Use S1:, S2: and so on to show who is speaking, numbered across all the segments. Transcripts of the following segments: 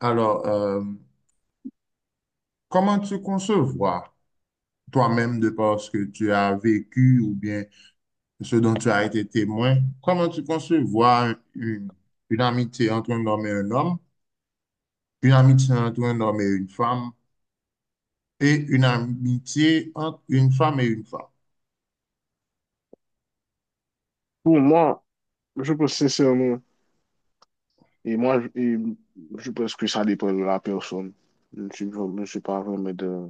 S1: Alors, comment tu concevoir toi-même de par ce que tu as vécu ou bien ce dont tu as été témoin, comment tu concevoir une amitié entre un homme et un homme, une amitié entre un homme et une femme, et une amitié entre une femme et une femme?
S2: Pour moi, je pense sincèrement, et moi, je pense que ça dépend de la personne. Je suis pas vraiment de,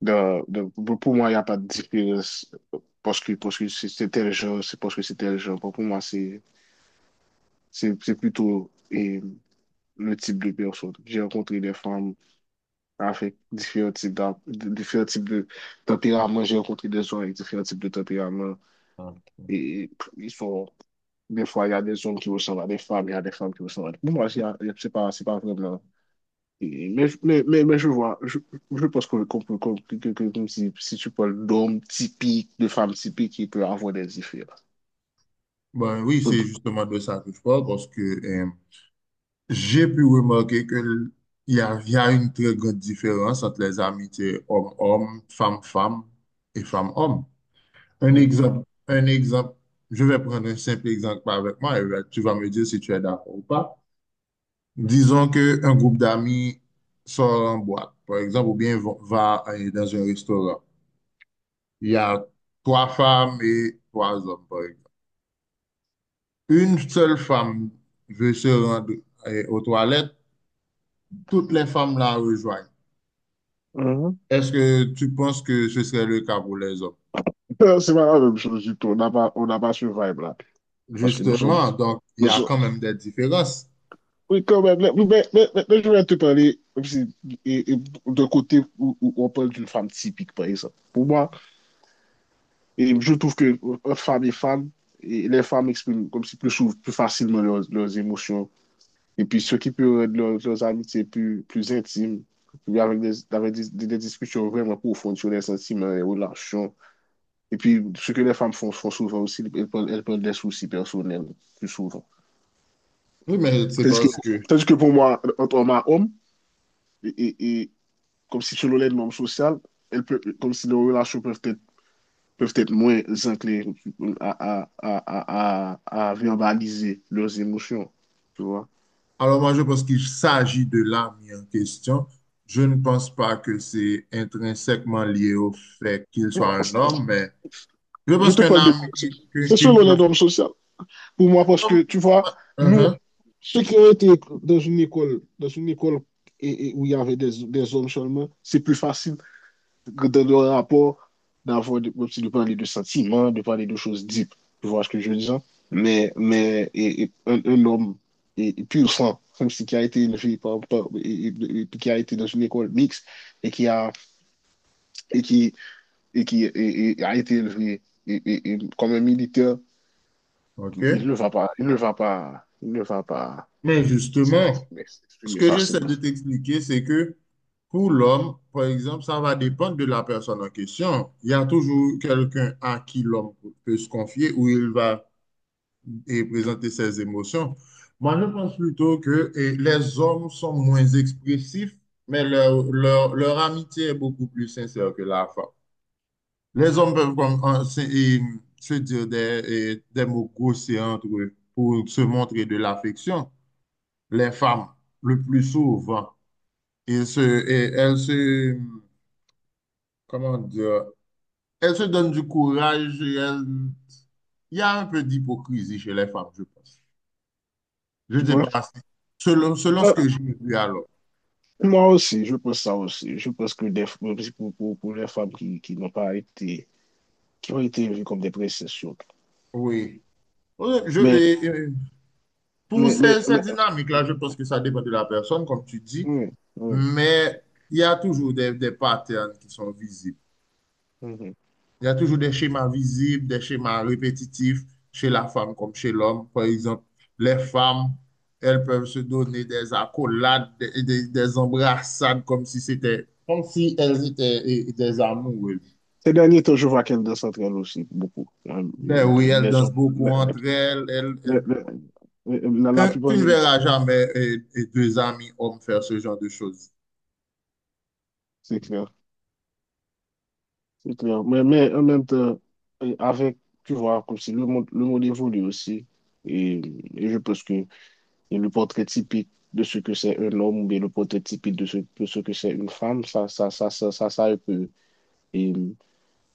S2: de, de- Pour moi, il n'y a pas de différence parce que c'est tel genre, c'est parce que c'est tel genre. Pour moi, c'est plutôt le type de personne. J'ai rencontré des femmes avec différents types de tempérament. J'ai rencontré des gens avec différents types de tempérament. Et, ils sont Des fois, il y a des hommes qui ressemblent à des femmes, il y a des femmes qui ressemblent à des. Pour moi, c'est pas vraiment. Mais je vois, je pense que, qu'on peut- qu'on- que- comme si, tu parles d'hommes typiques, de femmes typiques, il peut avoir des différences.
S1: Ben oui, c'est justement de ça que je parle parce que j'ai pu remarquer que il y a une très grande différence entre les amitiés homme-homme, femme-femme et femme-homme. Un
S2: Mhm,
S1: exemple, un exemple. Je vais prendre un simple exemple avec moi et là, tu vas me dire si tu es d'accord ou pas. Disons qu'un groupe d'amis sort en boîte, par exemple, ou bien va dans un restaurant. Il y a trois femmes et trois hommes, par exemple. Une seule femme veut se rendre aux toilettes. Toutes les femmes la rejoignent.
S2: mhm.
S1: Est-ce que tu penses que ce serait le cas pour les hommes?
S2: C'est pas la même chose du tout. On n'a pas ce vibe-là. Parce que
S1: Justement, donc, il y
S2: nous
S1: a
S2: sommes,
S1: quand même des différences.
S2: oui, quand même. Mais je vais te parler comme si, et, et, d'un côté où on parle d'une femme typique, par exemple. Pour moi. Et je trouve que entre femmes et femmes, et les femmes expriment comme si plus facilement leurs émotions. Et puis, ce qui peut rendre leurs amitiés plus intimes, puis avec des discussions vraiment profondes sur les sentiments, les relations. Et puis, ce que les femmes font souvent aussi, elles prennent des soucis personnels plus souvent.
S1: Oui, mais c'est
S2: Tandis que,
S1: parce que…
S2: tandis que pour moi, entre homme à homme, et comme si selon les normes sociales, comme si nos relations peuvent être moins enclins à verbaliser leurs émotions. Tu vois?
S1: Alors moi, je pense qu'il s'agit de l'âme en question. Je ne pense pas que c'est intrinsèquement lié au fait qu'il soit
S2: Bon,
S1: un homme, mais je
S2: je
S1: pense
S2: te
S1: qu'un
S2: parle de.
S1: âme, qu'une
S2: C'est
S1: qu'une
S2: selon les
S1: personne.
S2: normes sociales. Pour moi, parce que tu vois, nous,
S1: Mhm.
S2: ceux qui ont été dans une école et où il y avait des hommes seulement, c'est plus facile dans le rapport, de parler de sentiments, de parler de choses deep. Tu vois ce que je veux dire? Mais homme pur sang, comme si qui a été élevé et qui a été dans une école mixte et qui a, et qui, et a été élevé comme un militaire,
S1: OK.
S2: il ne va pas
S1: Mais justement, ce
S2: s'exprimer
S1: que j'essaie
S2: facilement.
S1: de t'expliquer, c'est que pour l'homme, par exemple, ça va dépendre de la personne en question. Il y a toujours quelqu'un à qui l'homme peut se confier, où il va et présenter ses émotions. Moi, je pense plutôt que les hommes sont moins expressifs, mais leur amitié est beaucoup plus sincère que la femme. Les hommes peuvent comme, en- se et, se dire des mots grossiers entre eux pour se montrer de l'affection. Les femmes, le plus souvent, et se, et elles se, comment dire, elles se donnent du courage. Il y a un peu d'hypocrisie chez les femmes, je pense. Je
S2: Tu
S1: ne sais
S2: penses?
S1: pas. Selon, selon ce
S2: Ah,
S1: que j'ai vu alors.
S2: moi aussi, je pense ça aussi. Je pense pour les femmes qui n'ont pas été qui ont été vus comme des précessions.
S1: Oui. Oui, Je,
S2: Mais,
S1: et pour
S2: mais, mais, mais
S1: cette dynamique-là, je pense que ça dépend de la personne, comme tu dis,
S2: oui, oui,
S1: mais il y a toujours des patterns qui sont visibles.
S2: mhm.
S1: Il y a toujours des schémas visibles, des schémas répétitifs chez la femme comme chez l'homme. Par exemple, les femmes, elles peuvent se donner des accolades, des embrassades comme si c'était, comme si elles étaient des amoureuses.
S2: Ces derniers temps, je vois qu'elle danse entre elles aussi, beaucoup.
S1: Ben oui, elles
S2: Les
S1: dansent
S2: autres,
S1: beaucoup entre elles, elles,
S2: les-
S1: elles
S2: la
S1: Hein, tu
S2: plupart
S1: ne
S2: des.
S1: verras jamais deux amis hommes faire ce genre de choses.
S2: C'est clair, c'est clair. Mais en même temps, euh, avec, tu vois, comme si le monde évolue aussi. Et, et je pense que le portrait typique de ce que c'est un homme ou bien le portrait typique de ce que c'est une femme, ça peut et,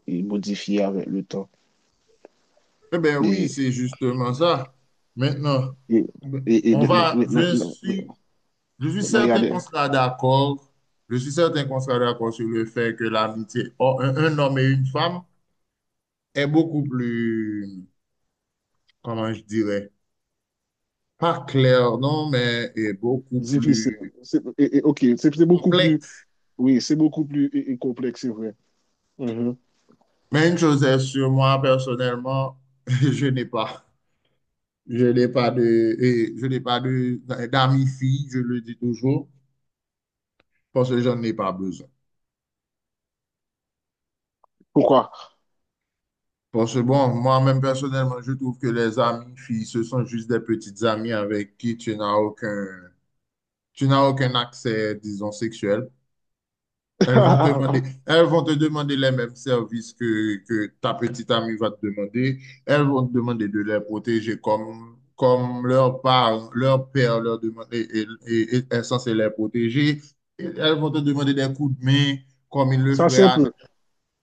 S2: modifier avec le temps.
S1: Eh bien oui,
S2: Et
S1: c'est justement ça. Maintenant,
S2: et et, et
S1: on
S2: maintenant,
S1: va,
S2: maintenant, maintenant, maintenant,
S1: je suis
S2: maintenant, il y a
S1: certain
S2: des
S1: qu'on sera d'accord. Je suis certain qu'on sera d'accord sur le fait que l'amitié, entre un homme et une femme, est beaucoup plus, comment je dirais, pas clair, non, mais est beaucoup
S2: difficiles.
S1: plus
S2: Ok, c'est beaucoup plus,
S1: complexe.
S2: oui, c'est beaucoup plus complexe, c'est vrai. Mhm.
S1: Mais une chose est sûre, moi, personnellement, je n'ai pas. Je n'ai pas de, et je n'ai pas de, d'amis filles, je le dis toujours, parce que j'en ai pas besoin.
S2: Pourquoi?
S1: Parce que bon, moi-même personnellement, je trouve que les amis filles, ce sont juste des petites amies avec qui tu n'as aucun accès, disons, sexuel. Elles vont te demander les mêmes services que ta petite amie va te demander. Elles vont te demander de les protéger comme, comme leur parents, leur père leur demande, et est censé les protéger. Et elles vont te demander des coups de main comme ils le
S2: Ça,
S1: feraient à…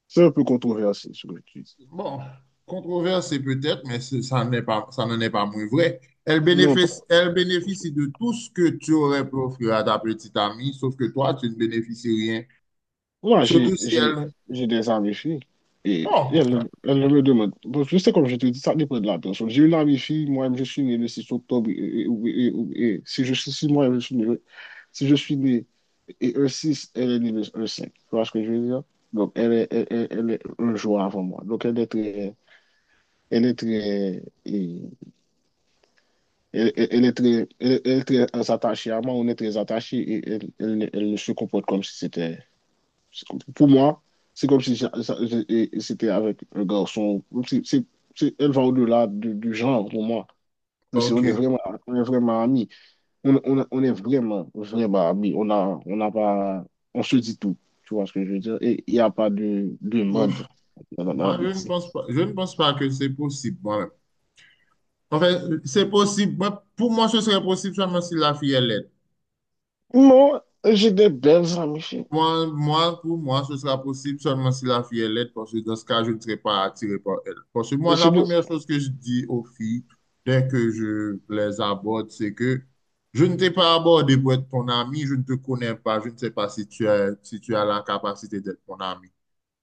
S2: c'est un peu controversé, ce que tu dis.
S1: Bon, controversé peut-être, mais ça n'est pas, ça n'en est pas moins vrai.
S2: Non,
S1: Elles bénéficient de tout ce que tu aurais pu offrir à ta petite amie, sauf que toi, tu ne bénéficies rien.
S2: moi,
S1: Surtout si elle…
S2: j'ai des amis filles et
S1: Bon.
S2: elles ne me demandent, bon, je sais comme je te dis, ça dépend de la personne. J'ai une amie fille, moi, je suis né le 6 octobre, et si moi, je suis né, si je suis né. Et e six elle est niveuse e cinq. Tu vois ce que je veux dire? Donc, elle est un joueur avant moi. Donc, elle est très, et- elle est très attachée à moi. On est très attachés et elle se comporte comme si c'était, pour moi, c'est comme si c'était avec un garçon. Elle va au-delà du genre pour moi. Même si
S1: Ok.
S2: on est vraiment amis. On est vraiment, vraiment amis. On a, on n'a pas, on se dit tout. Tu vois ce que je veux dire? Et il n'y a pas de
S1: Bon,
S2: mode dans notre
S1: moi,
S2: amitié.
S1: je ne pense pas que c'est possible, moi-même. En fait, c'est possible. Moi, pour moi, ce serait possible seulement si la fille est laide.
S2: Moi, j'ai des belles amies. Chérie.
S1: Pour moi, ce sera possible seulement si la fille est laide, parce que dans ce cas, je ne serai pas attiré par elle. Parce que moi, la
S2: J'ai de.
S1: première chose que je dis aux filles, dès que je les aborde, c'est que je ne t'ai pas abordé pour être ton ami, je ne te connais pas, je ne sais pas si si tu as la capacité d'être mon ami.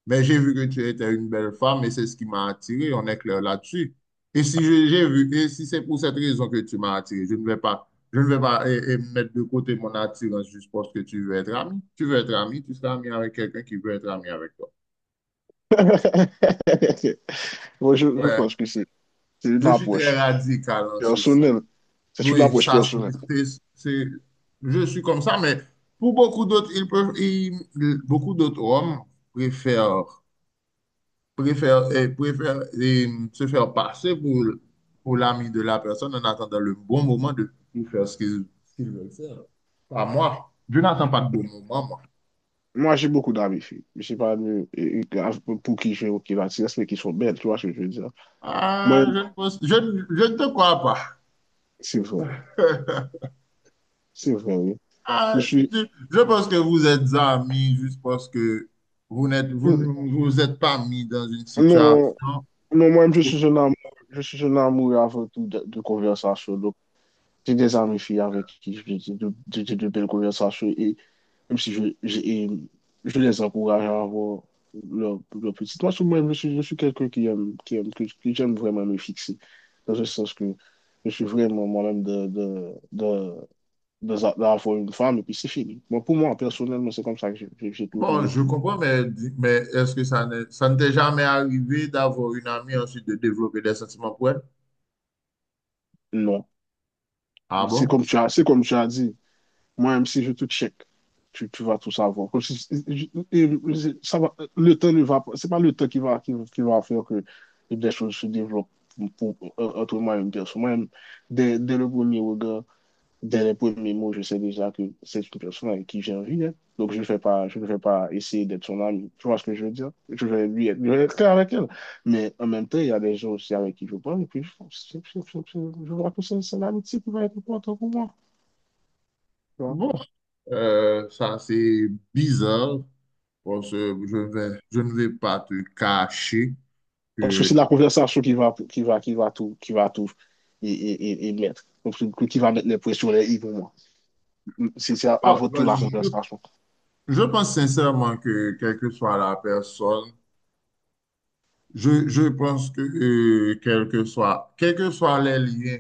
S1: Mais j'ai vu que tu étais une belle femme et c'est ce qui m'a attiré. On est clair là-dessus. Et si je- j'ai vu, et si c'est pour cette raison que tu m'as attiré, je ne vais pas mettre de côté mon attirance juste parce que tu veux être ami. Tu veux être ami, tu seras ami avec quelqu'un qui veut être ami avec toi.
S2: Moi, je
S1: Ouais,
S2: pense que c'est une
S1: je suis très
S2: approche
S1: radical en ce sens.
S2: personnelle. C'est une
S1: Oui,
S2: approche personnelle.
S1: c'est, c'est- je suis comme ça, mais pour beaucoup d'autres, beaucoup d'autres hommes préfèrent préfère, préfère se faire passer pour l'ami de la personne en attendant le bon moment de, pour faire ce qu'ils veulent faire. Pas moi. Je n'attends pas de bon moment, moi.
S2: Moi, j'ai beaucoup d'amis filles. Je sais pas pour qui j'ai aucune attirance, mais qui sont belles. Tu vois ce que je veux dire?
S1: Ah,
S2: Moi,
S1: je ne, pense- je ne te crois
S2: c'est vrai.
S1: pas.
S2: C'est vrai, oui. Je
S1: Ah,
S2: suis.
S1: je, je pense que vous êtes amis juste parce que vous n'êtes vous, ne- vous êtes pas mis dans une
S2: Non.
S1: situation.
S2: Non, moi-même,
S1: où-
S2: je suis un amour avant tout de conversation. Donc, j'ai des amis filles avec qui j'ai de belles conversations. Et même si je les encourage à avoir leur petite. Moi, moi-même, je suis quelqu'un qui aime, que j'aime vraiment me fixer. Dans le sens que je suis vraiment moi-même d'avoir une femme et puis c'est fini. Moi, pour moi, personnellement, c'est comme ça que j'ai toujours
S1: Bon, je
S2: été.
S1: comprends, mais est-ce que ça ne t'est jamais arrivé d'avoir une amie ensuite de développer des sentiments pour elle?
S2: Non.
S1: Ah
S2: C'est
S1: bon?
S2: comme tu as, c'est comme tu as dit. Moi, même si je te check, tu vas tout savoir. Comme si- je- Ça va, le temps ne va pas. C'est pas le temps qui va faire que des choses se développent entre moi et une personne. Moi-même, dès le premier regard, dès les premiers mots, je sais déjà que c'est une personne avec qui j'ai envie d'être. Donc, je ne vais pas essayer d'être son ami. Tu vois ce que je veux dire? Je vais être clair avec elle. Mais en même temps, il y a des gens aussi avec qui je parle. Et puis, je vois que c'est l'amitié qui va être importante pour moi.
S1: Bon, ça c'est bizarre parce que je ne vais pas te cacher
S2: Parce que
S1: que…
S2: c'est la conversation qui va tout mettre. Donc, qui va mettre les pressions les i pour moi. C'est
S1: Bon,
S2: avant
S1: bah,
S2: tout la conversation.
S1: je pense sincèrement que quelle que soit la personne, je pense que quel que soit, quels que soient les liens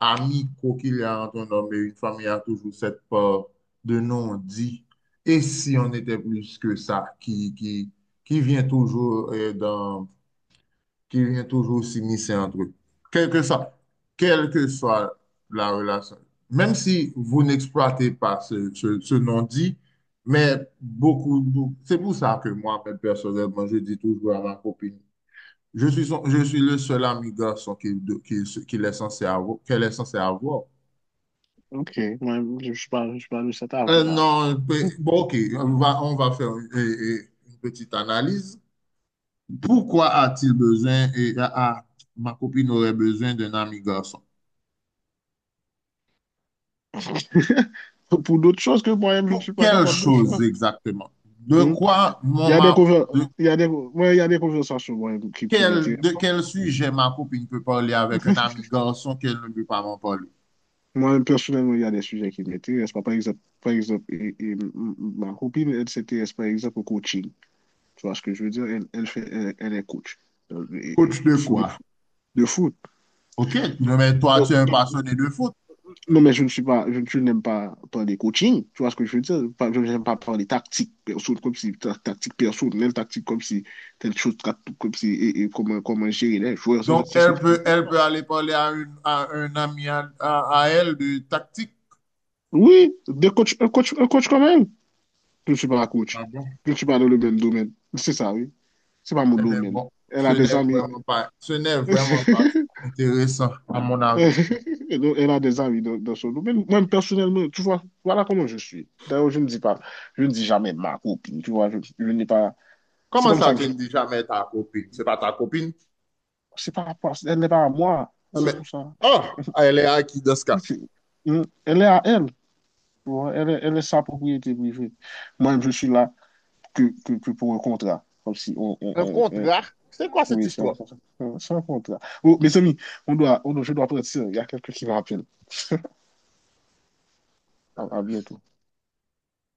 S1: amicaux qu'il y a entre un homme et une femme, il y a toujours cette peur de non-dit. Et si on était plus que ça, qui vient toujours dans qu'il y ait toujours s'immiscer entre eux. Quelle que soit, quelle que soit la relation. Même si vous n'exploitez pas ce non-dit, mais c'est pour ça que moi, mais personnellement, je dis toujours à ma copine, je suis le seul ami garçon qu'elle est censée avoir.
S2: Ok, moi, je suis pas de cet avis-là.
S1: Non, pe- bon, ok, on va faire une petite analyse. Pourquoi a-t-il besoin et a- a- ma copine aurait besoin d'un ami garçon?
S2: Pour d'autres choses que moi-même, je ne
S1: Pour
S2: suis pas
S1: quelle
S2: capable de
S1: chose
S2: faire.
S1: exactement? De
S2: Hmm.
S1: quoi
S2: Il y
S1: mon
S2: a des, conver-
S1: de
S2: il y a des, ouais, il y a des conversations moi, qui
S1: de
S2: m'intéressent pas.
S1: quel sujet ma copine peut parler avec un ami garçon qu'elle ne peut pas m'en parler?
S2: Moi, personnellement, il y a des sujets qui m'intéressent pas. Par exemple et m- m- ma copine, elle s'intéresse par exemple au coaching. Tu vois ce que je veux dire? Elle est coach. Euh, Et, et,
S1: Coach de
S2: full-
S1: quoi?
S2: de foot.
S1: OK,
S2: Donc,
S1: non, mais toi, tu
S2: donc,
S1: es un
S2: donc,
S1: passionné de foot.
S2: non, mais je ne suis pas, je n'aime pas parler coaching, tu vois ce que je veux dire? Je n'aime pas parler tactique, perso, comme si, tactique personnelle, tactique comme si, telle chose, comme si, comment gérer les joueurs, c'est
S1: Donc,
S2: c'est ce que je veux dire.
S1: elle peut aller parler à, à un ami à elle de tactique.
S2: Oui, des coachs, un coach quand même. Je ne suis pas un coach.
S1: Ah bon?
S2: Je ne suis pas dans le même domaine. C'est ça, oui. C'est pas mon
S1: Eh bien,
S2: domaine.
S1: bon,
S2: Elle a des amis.
S1: ce n'est vraiment pas intéressant, à mon avis.
S2: Et donc, elle a des amis dans son domaine. Moi, personnellement, tu vois, voilà comment je suis. D'ailleurs, je ne dis jamais ma copine, tu vois, je n'ai pas. C'est
S1: Comment
S2: comme
S1: ça,
S2: ça que
S1: tu
S2: je.
S1: ne dis jamais ta copine? C'est pas ta copine?
S2: C'est par rapport, elle n'est pas à moi,
S1: Ah,
S2: c'est
S1: mais,
S2: pour ça.
S1: oh, elle est à qui dans ce cas?
S2: C'est- Elle est à elle, tu vois, elle est sa propriété privée. Moi, je suis là que pour un contrat, comme si on. on,
S1: Un
S2: on, on-
S1: contrat? C'est quoi cette
S2: Oui,
S1: histoire?
S2: c'est un contrat. Oh, mes amis, je dois partir, il y a quelqu'un qui m'appelle. À bientôt.